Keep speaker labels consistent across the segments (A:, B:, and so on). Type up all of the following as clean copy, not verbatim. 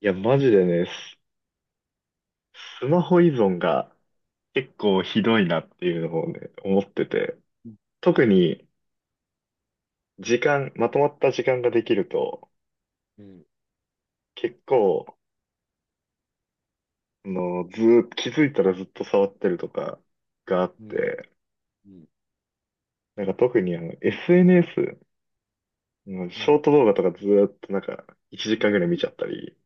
A: いや、マジでね、スマホ依存が結構ひどいなっていうのをね、思ってて、
B: うん。
A: 特に時間、まとまった時間ができると、
B: うん。
A: 結構、ずーっと、気づいたらずっと触ってるとかがあっ
B: うん。
A: て、
B: うん。
A: なんか特にSNS の
B: う
A: ショー
B: ん。
A: ト動画とかずーっと1
B: う
A: 時間ぐ
B: ん。
A: らい見ちゃったり、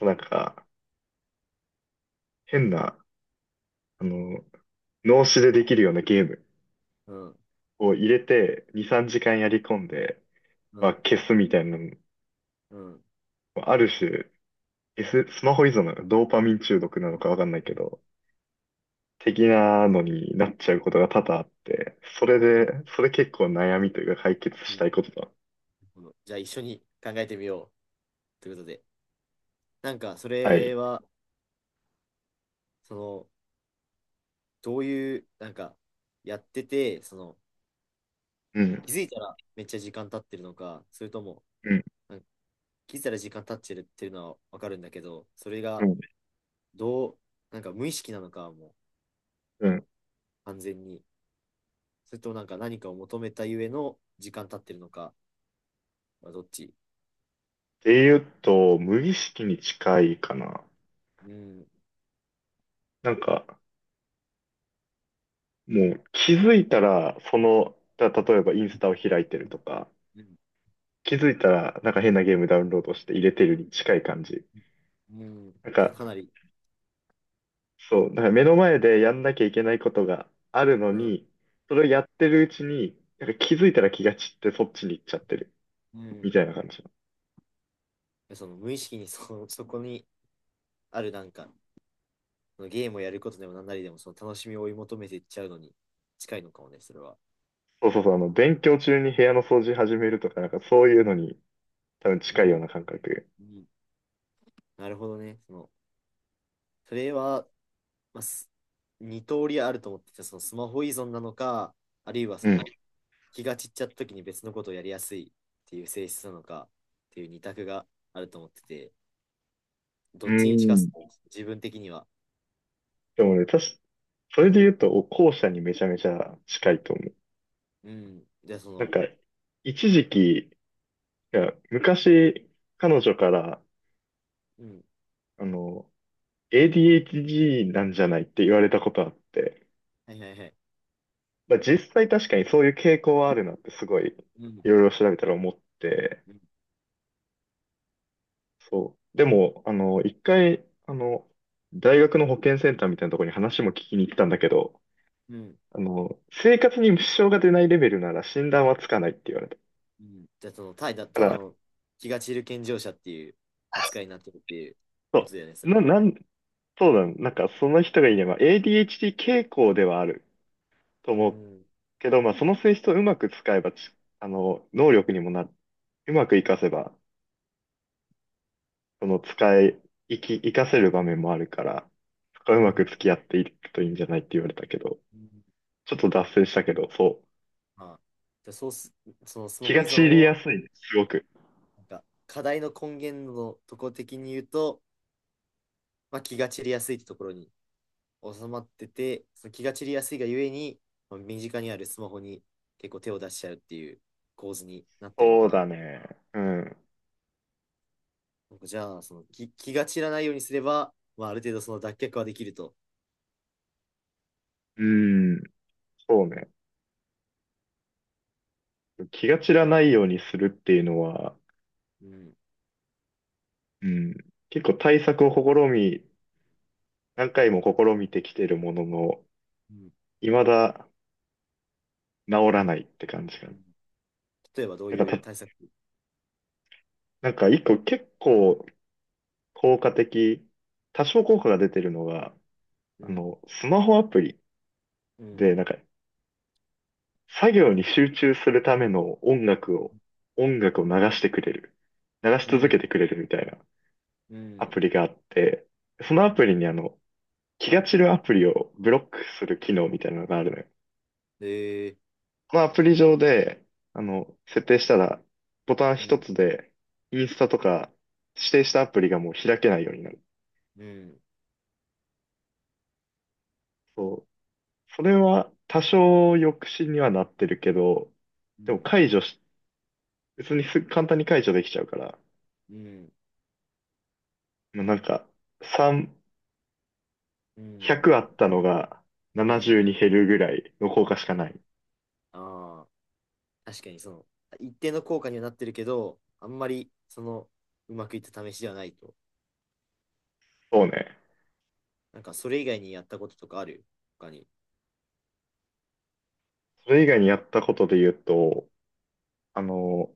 A: なんか、変な、あの、脳死でできるようなゲーム
B: うん。うん。
A: を入れて、2、3時間やり込んで、
B: う
A: まあ、
B: ん。
A: 消すみたいな、
B: うん。
A: ある種、スマホ依存なのか、ドーパミン中毒なのかわかんない
B: う
A: け
B: ん。
A: ど、的なのになっちゃうことが多々あって、それ
B: う
A: で、
B: ん。
A: それ結構悩みというか解決
B: な
A: し
B: る
A: たいことだ。
B: ほど。じゃあ一緒に考えてみようということで、なんかそ
A: はい。
B: れはそのどういうなんかやっててその
A: うん。
B: 気づいたらめっちゃ時間経ってるのか、それとも
A: うん。
B: なんか気づいたら時間経ってるっていうのはわかるんだけど、それ
A: う
B: が
A: ん。
B: どう、なんか無意識なのかもう
A: うん。っ
B: 完全に、それともなんか何かを求めたゆえの時間経ってるのかはどっち？
A: ていうと、無意識に近いかな。
B: うん。
A: なんか、もう気づいたら、例えばインスタを開いてるとか、
B: うん。
A: 気づいたら、なんか変なゲームダウンロードして入れてるに近い感じ。
B: うん。
A: なん
B: じゃあ
A: か、
B: かなり、
A: そう、だから目の前でやんなきゃいけないことがあるの
B: うん。
A: に、それをやってるうちに、なんか気づいたら気が散ってそっちに行っちゃってる、
B: うん。
A: みたいな感じ。
B: その無意識にそこにあるなんかそのゲームをやることでも何なりでもその楽しみを追い求めていっちゃうのに近いのかもね、それは。
A: そうそうそう、勉強中に部屋の掃除始めるとか、なんかそういうのに多分
B: う
A: 近いよう
B: ん。
A: な感覚。
B: うん。なるほどね。そのそれは、まあ、2通りあると思ってて、そのスマホ依存なのか、あるいは
A: う
B: そ
A: ん。
B: の気が散っちゃった時に別のことをやりやすいっていう性質なのかっていう二択があると思ってて、
A: う
B: どっちに近す
A: ん。
B: か自分的には？
A: でもね、確かそれで言うと、後者にめちゃめちゃ近いと思う。
B: うん、じゃあそ
A: なん
B: の、
A: か、一時期、いや、昔、彼女から、
B: うん、
A: あの、ADHD なんじゃないって言われたことあって、
B: はいはいはい。
A: まあ、実際確かにそういう傾向はあるなってすごい
B: うん。
A: いろいろ調べたら思って、
B: うん。
A: そう。でも、一回、大学の保健センターみたいなところに話も聞きに行ったんだけど、
B: うん。
A: 生活に支障が出ないレベルなら診断はつかないって言われた。
B: うん、じゃあ、その、ただ、
A: だ
B: た
A: か
B: だ
A: ら、
B: の気が散る健常者っていう扱いになってるっていうこ
A: そ
B: とだよね、そ
A: う、
B: れ
A: な、
B: は。
A: なん、そうだ、なんかその人が言えば ADHD 傾向ではあると
B: う
A: 思う
B: ん。
A: けど、まあその性質をうまく使えばち、あの、能力にもうまく活かせばその使い、生き、活かせる場面もあるから、そこは
B: う
A: うまく
B: ん。
A: 付き合っていくといいんじゃないって言われたけど、
B: うん。
A: ちょっと脱線したけど、そう。
B: まあ、じゃあそうす、そのスマ
A: 気
B: ホ
A: が
B: 依存
A: 散りや
B: を、
A: すいね、すごく。
B: なんか、課題の根源のとこ的に言うと、まあ、気が散りやすいってところに収まってて、その気が散りやすいがゆえに、まあ身近にあるスマホに結構手を出しちゃうっていう構図になってるの
A: そ
B: か
A: う
B: な。
A: だね。うん。
B: なんかじゃあ、その気が散らないようにすれば、まあ、ある程度その脱却はできると。
A: うん。そうね。気が散らないようにするっていうのは、
B: うん。
A: うん。結構対策を何回も試みてきてるものの、
B: うん。
A: 未だ治らないって感じか
B: う
A: な。
B: ん、例えばどう
A: なん
B: い
A: か
B: う
A: た、
B: 対策？
A: なんか一個結構効果的、多少効果が出てるのが、
B: うん。
A: スマホアプリ
B: うん。
A: で、なんか、作業に集中するための音楽を流してくれる。流し
B: う
A: 続け
B: ん。
A: てくれるみたいな
B: う
A: ア
B: ん。
A: プリがあって、その
B: う
A: ア
B: ん。
A: プリに気が散るアプリをブロックする機能みたいなのがあるのよ。
B: えー。
A: このアプリ上で、設定したら、ボタン
B: う
A: 一
B: ん。
A: つで、インスタとか、指定したアプリがもう開けないようになる。
B: うん。
A: そう。それは多少抑止にはなってるけど、
B: う
A: でも
B: ん。
A: 解除し別に簡単に解除できちゃうから、
B: うん。
A: まあ、なんか、3、
B: う
A: 100あっ
B: ん。
A: たのが70
B: ええ
A: に減るぐらいの効果しか
B: ええ、
A: ない。
B: ああー、確かにその、一定の効果にはなってるけど、あんまり、その、うまくいった試しではないと。
A: そうね。
B: なんか、それ以外にやったこととかある、他に？
A: それ以外にやったことで言うと、あの、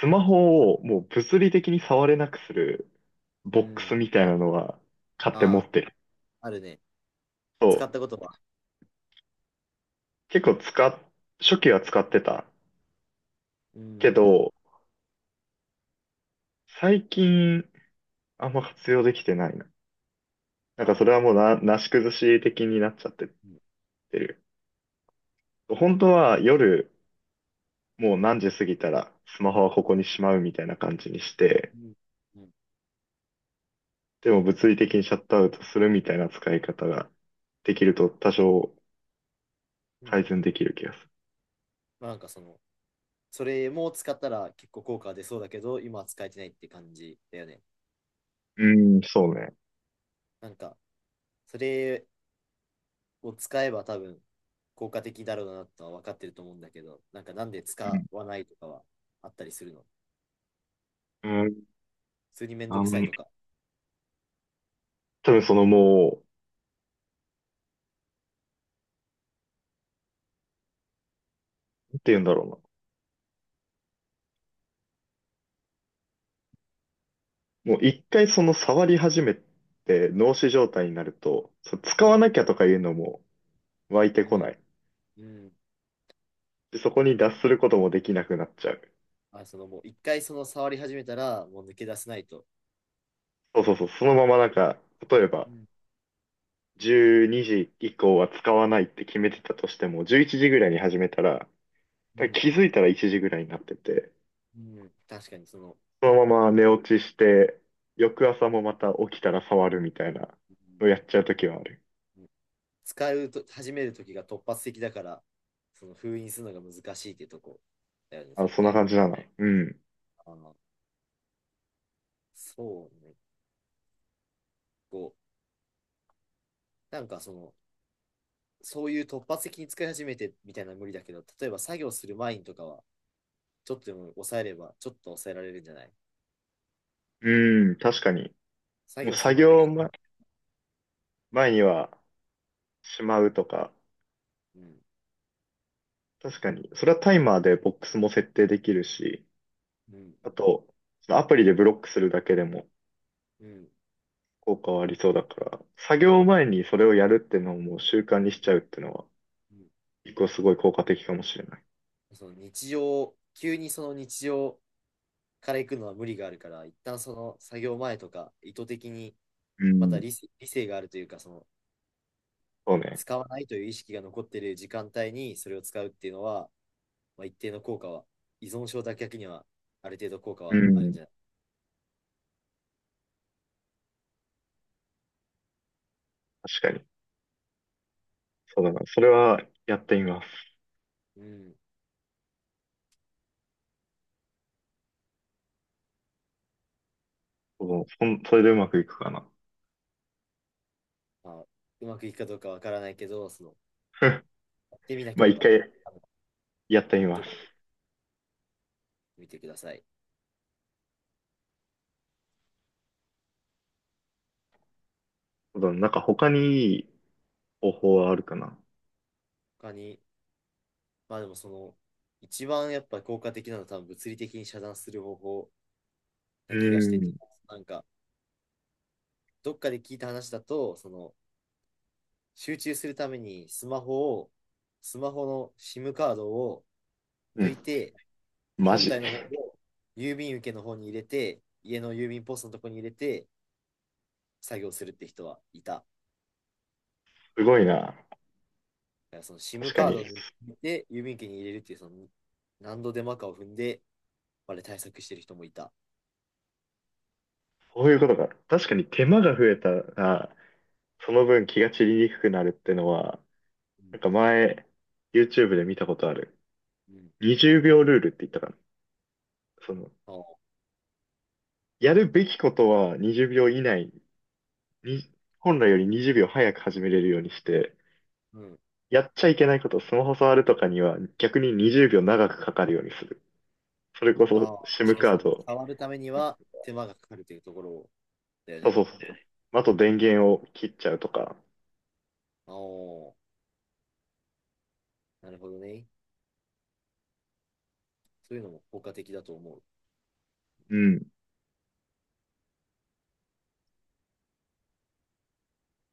A: スマホをもう物理的に触れなくする
B: う
A: ボックス
B: ん。
A: みたいなのは買って持
B: あ
A: ってる。
B: あ、あるね。
A: そ
B: 使った
A: う。
B: ことは？
A: 結構使っ、初期は使ってた
B: う
A: け
B: ん。
A: ど、最近あんま活用できてないな。な
B: あ
A: んかそれはもう
B: あ。
A: なし崩し的になっちゃってっ
B: うん。
A: てる。本当は夜、もう何時過ぎたらスマホはこ
B: う
A: こ
B: ん。
A: にしまうみたいな感じにして、
B: うん。う
A: でも物理的にシャットアウトするみたいな使い方ができると多少
B: ん。
A: 改善できる気がす
B: まあなんかその、それも使ったら結構効果出そうだけど、今は使えてないって感じだよね。
A: る。うーん、そうね。
B: なんか、それを使えば多分効果的だろうなとは分かってると思うんだけど、なんかなんで
A: う
B: 使
A: ん。
B: わないとかはあったりするの？
A: うん。
B: 普通にめん
A: あ
B: どく
A: の、
B: さいとか？
A: 多分そのもう、なんて言うんだろうな。もう一回触り始めて脳死状態になると、そう使
B: う
A: わ
B: ん。
A: なきゃとかいうのも湧いて
B: う
A: こ
B: ん。
A: ない。
B: うん。
A: で、そこ
B: うん。
A: に脱することもできなくなっちゃう。
B: あ、そのもう一回その触り始めたらもう抜け出せないと。
A: そうそうそう。そのまま例えば
B: うん。
A: 12時以降は使わないって決めてたとしても、11時ぐらいに始めたら、
B: うん。
A: 気づいたら1時ぐらいになってて、
B: うん。確かにその、
A: そのまま寝落ちして、翌朝もまた起きたら触るみたいなのをやっちゃうときはある。
B: うん、使うと始める時が突発的だから、その封印するのが難しいってとこだよね、
A: あ、
B: 絶
A: そんな
B: 対。
A: 感じだなの。うん。
B: あー、そうね。こう、なんかその、そういう突発的に使い始めてみたいなのは無理だけど、例えば作業する前にとかは、ちょっとでも抑えれば、ちょっと抑えられるんじゃない？
A: うん、確かに。
B: 作
A: もう
B: 業する
A: 作
B: 前には、
A: 業前にはしまうとか、
B: うん、
A: 確かに。それはタイマーでボックスも設定できるし、
B: うん、
A: あと、そのアプリでブロックするだけでも、
B: うん、
A: 効果はありそうだから、作業前にそれをやるってのをもう習慣にしちゃうってのは、
B: うん。
A: 一個すごい効果的かもしれない。
B: その日常、急にその日常から行くのは無理があるから、一旦その作業前とか、意図的に、
A: う
B: ま
A: ん。
B: た理性があるというか、その、
A: そうね。
B: 使わないという意識が残っている時間帯にそれを使うっていうのは、まあ、一定の効果は、依存症脱却にはある程度効果
A: う
B: はあるん
A: ん。
B: じゃない？
A: 確かに。そうだな。それはやってみます。
B: うん。
A: それでうまくいくかな。
B: まあ、うまくいくかどうかわからないけど、その、やってみな
A: ま
B: け
A: あ
B: れ
A: 一
B: ば、
A: 回
B: あの、
A: やってみま
B: ど
A: す。
B: こ見てください。
A: そうだな。なんか他にいい方法はあるかな。
B: 他に、まあでもその、一番やっぱ効果的なのは多分物理的に遮断する方法な
A: う
B: 気がして
A: ん。
B: て、なんか、どっかで聞いた話だと、その、集中するためにスマホを、スマホの SIM カードを
A: う
B: 抜
A: ん。
B: いて
A: マ
B: 本
A: ジ。
B: 体の方 を郵便受けの方に入れて、家の郵便ポストのとこに入れて作業するって人はいた。だ
A: すごいな。
B: からその SIM
A: 確か
B: カー
A: に。
B: ドに入れて、郵便受けに入れるっていう、その何度手間かを踏んで、あれ対策してる人もいた。
A: そういうことか。確かに手間が増えたら、その分気が散りにくくなるってのは、
B: う
A: な
B: ん。
A: んか前、YouTube で見たことある。
B: うん。
A: 20秒ルールって言ったかな。その、
B: ああ、
A: やるべきことは20秒以内に、本来より20秒早く始めれるようにして、
B: うん。
A: やっちゃいけないこと、スマホ触るとかには逆に20秒長くかかるようにする。それこそ
B: ああ、確
A: SIM
B: かに
A: カー
B: その、
A: ド、
B: 触るためには手間がかかるというところだよ
A: そう
B: ね。
A: そうそう。あと電
B: あ
A: 源を切っちゃうとか。
B: あ、なるほどね。そういうのも効果的だと思う。
A: うん。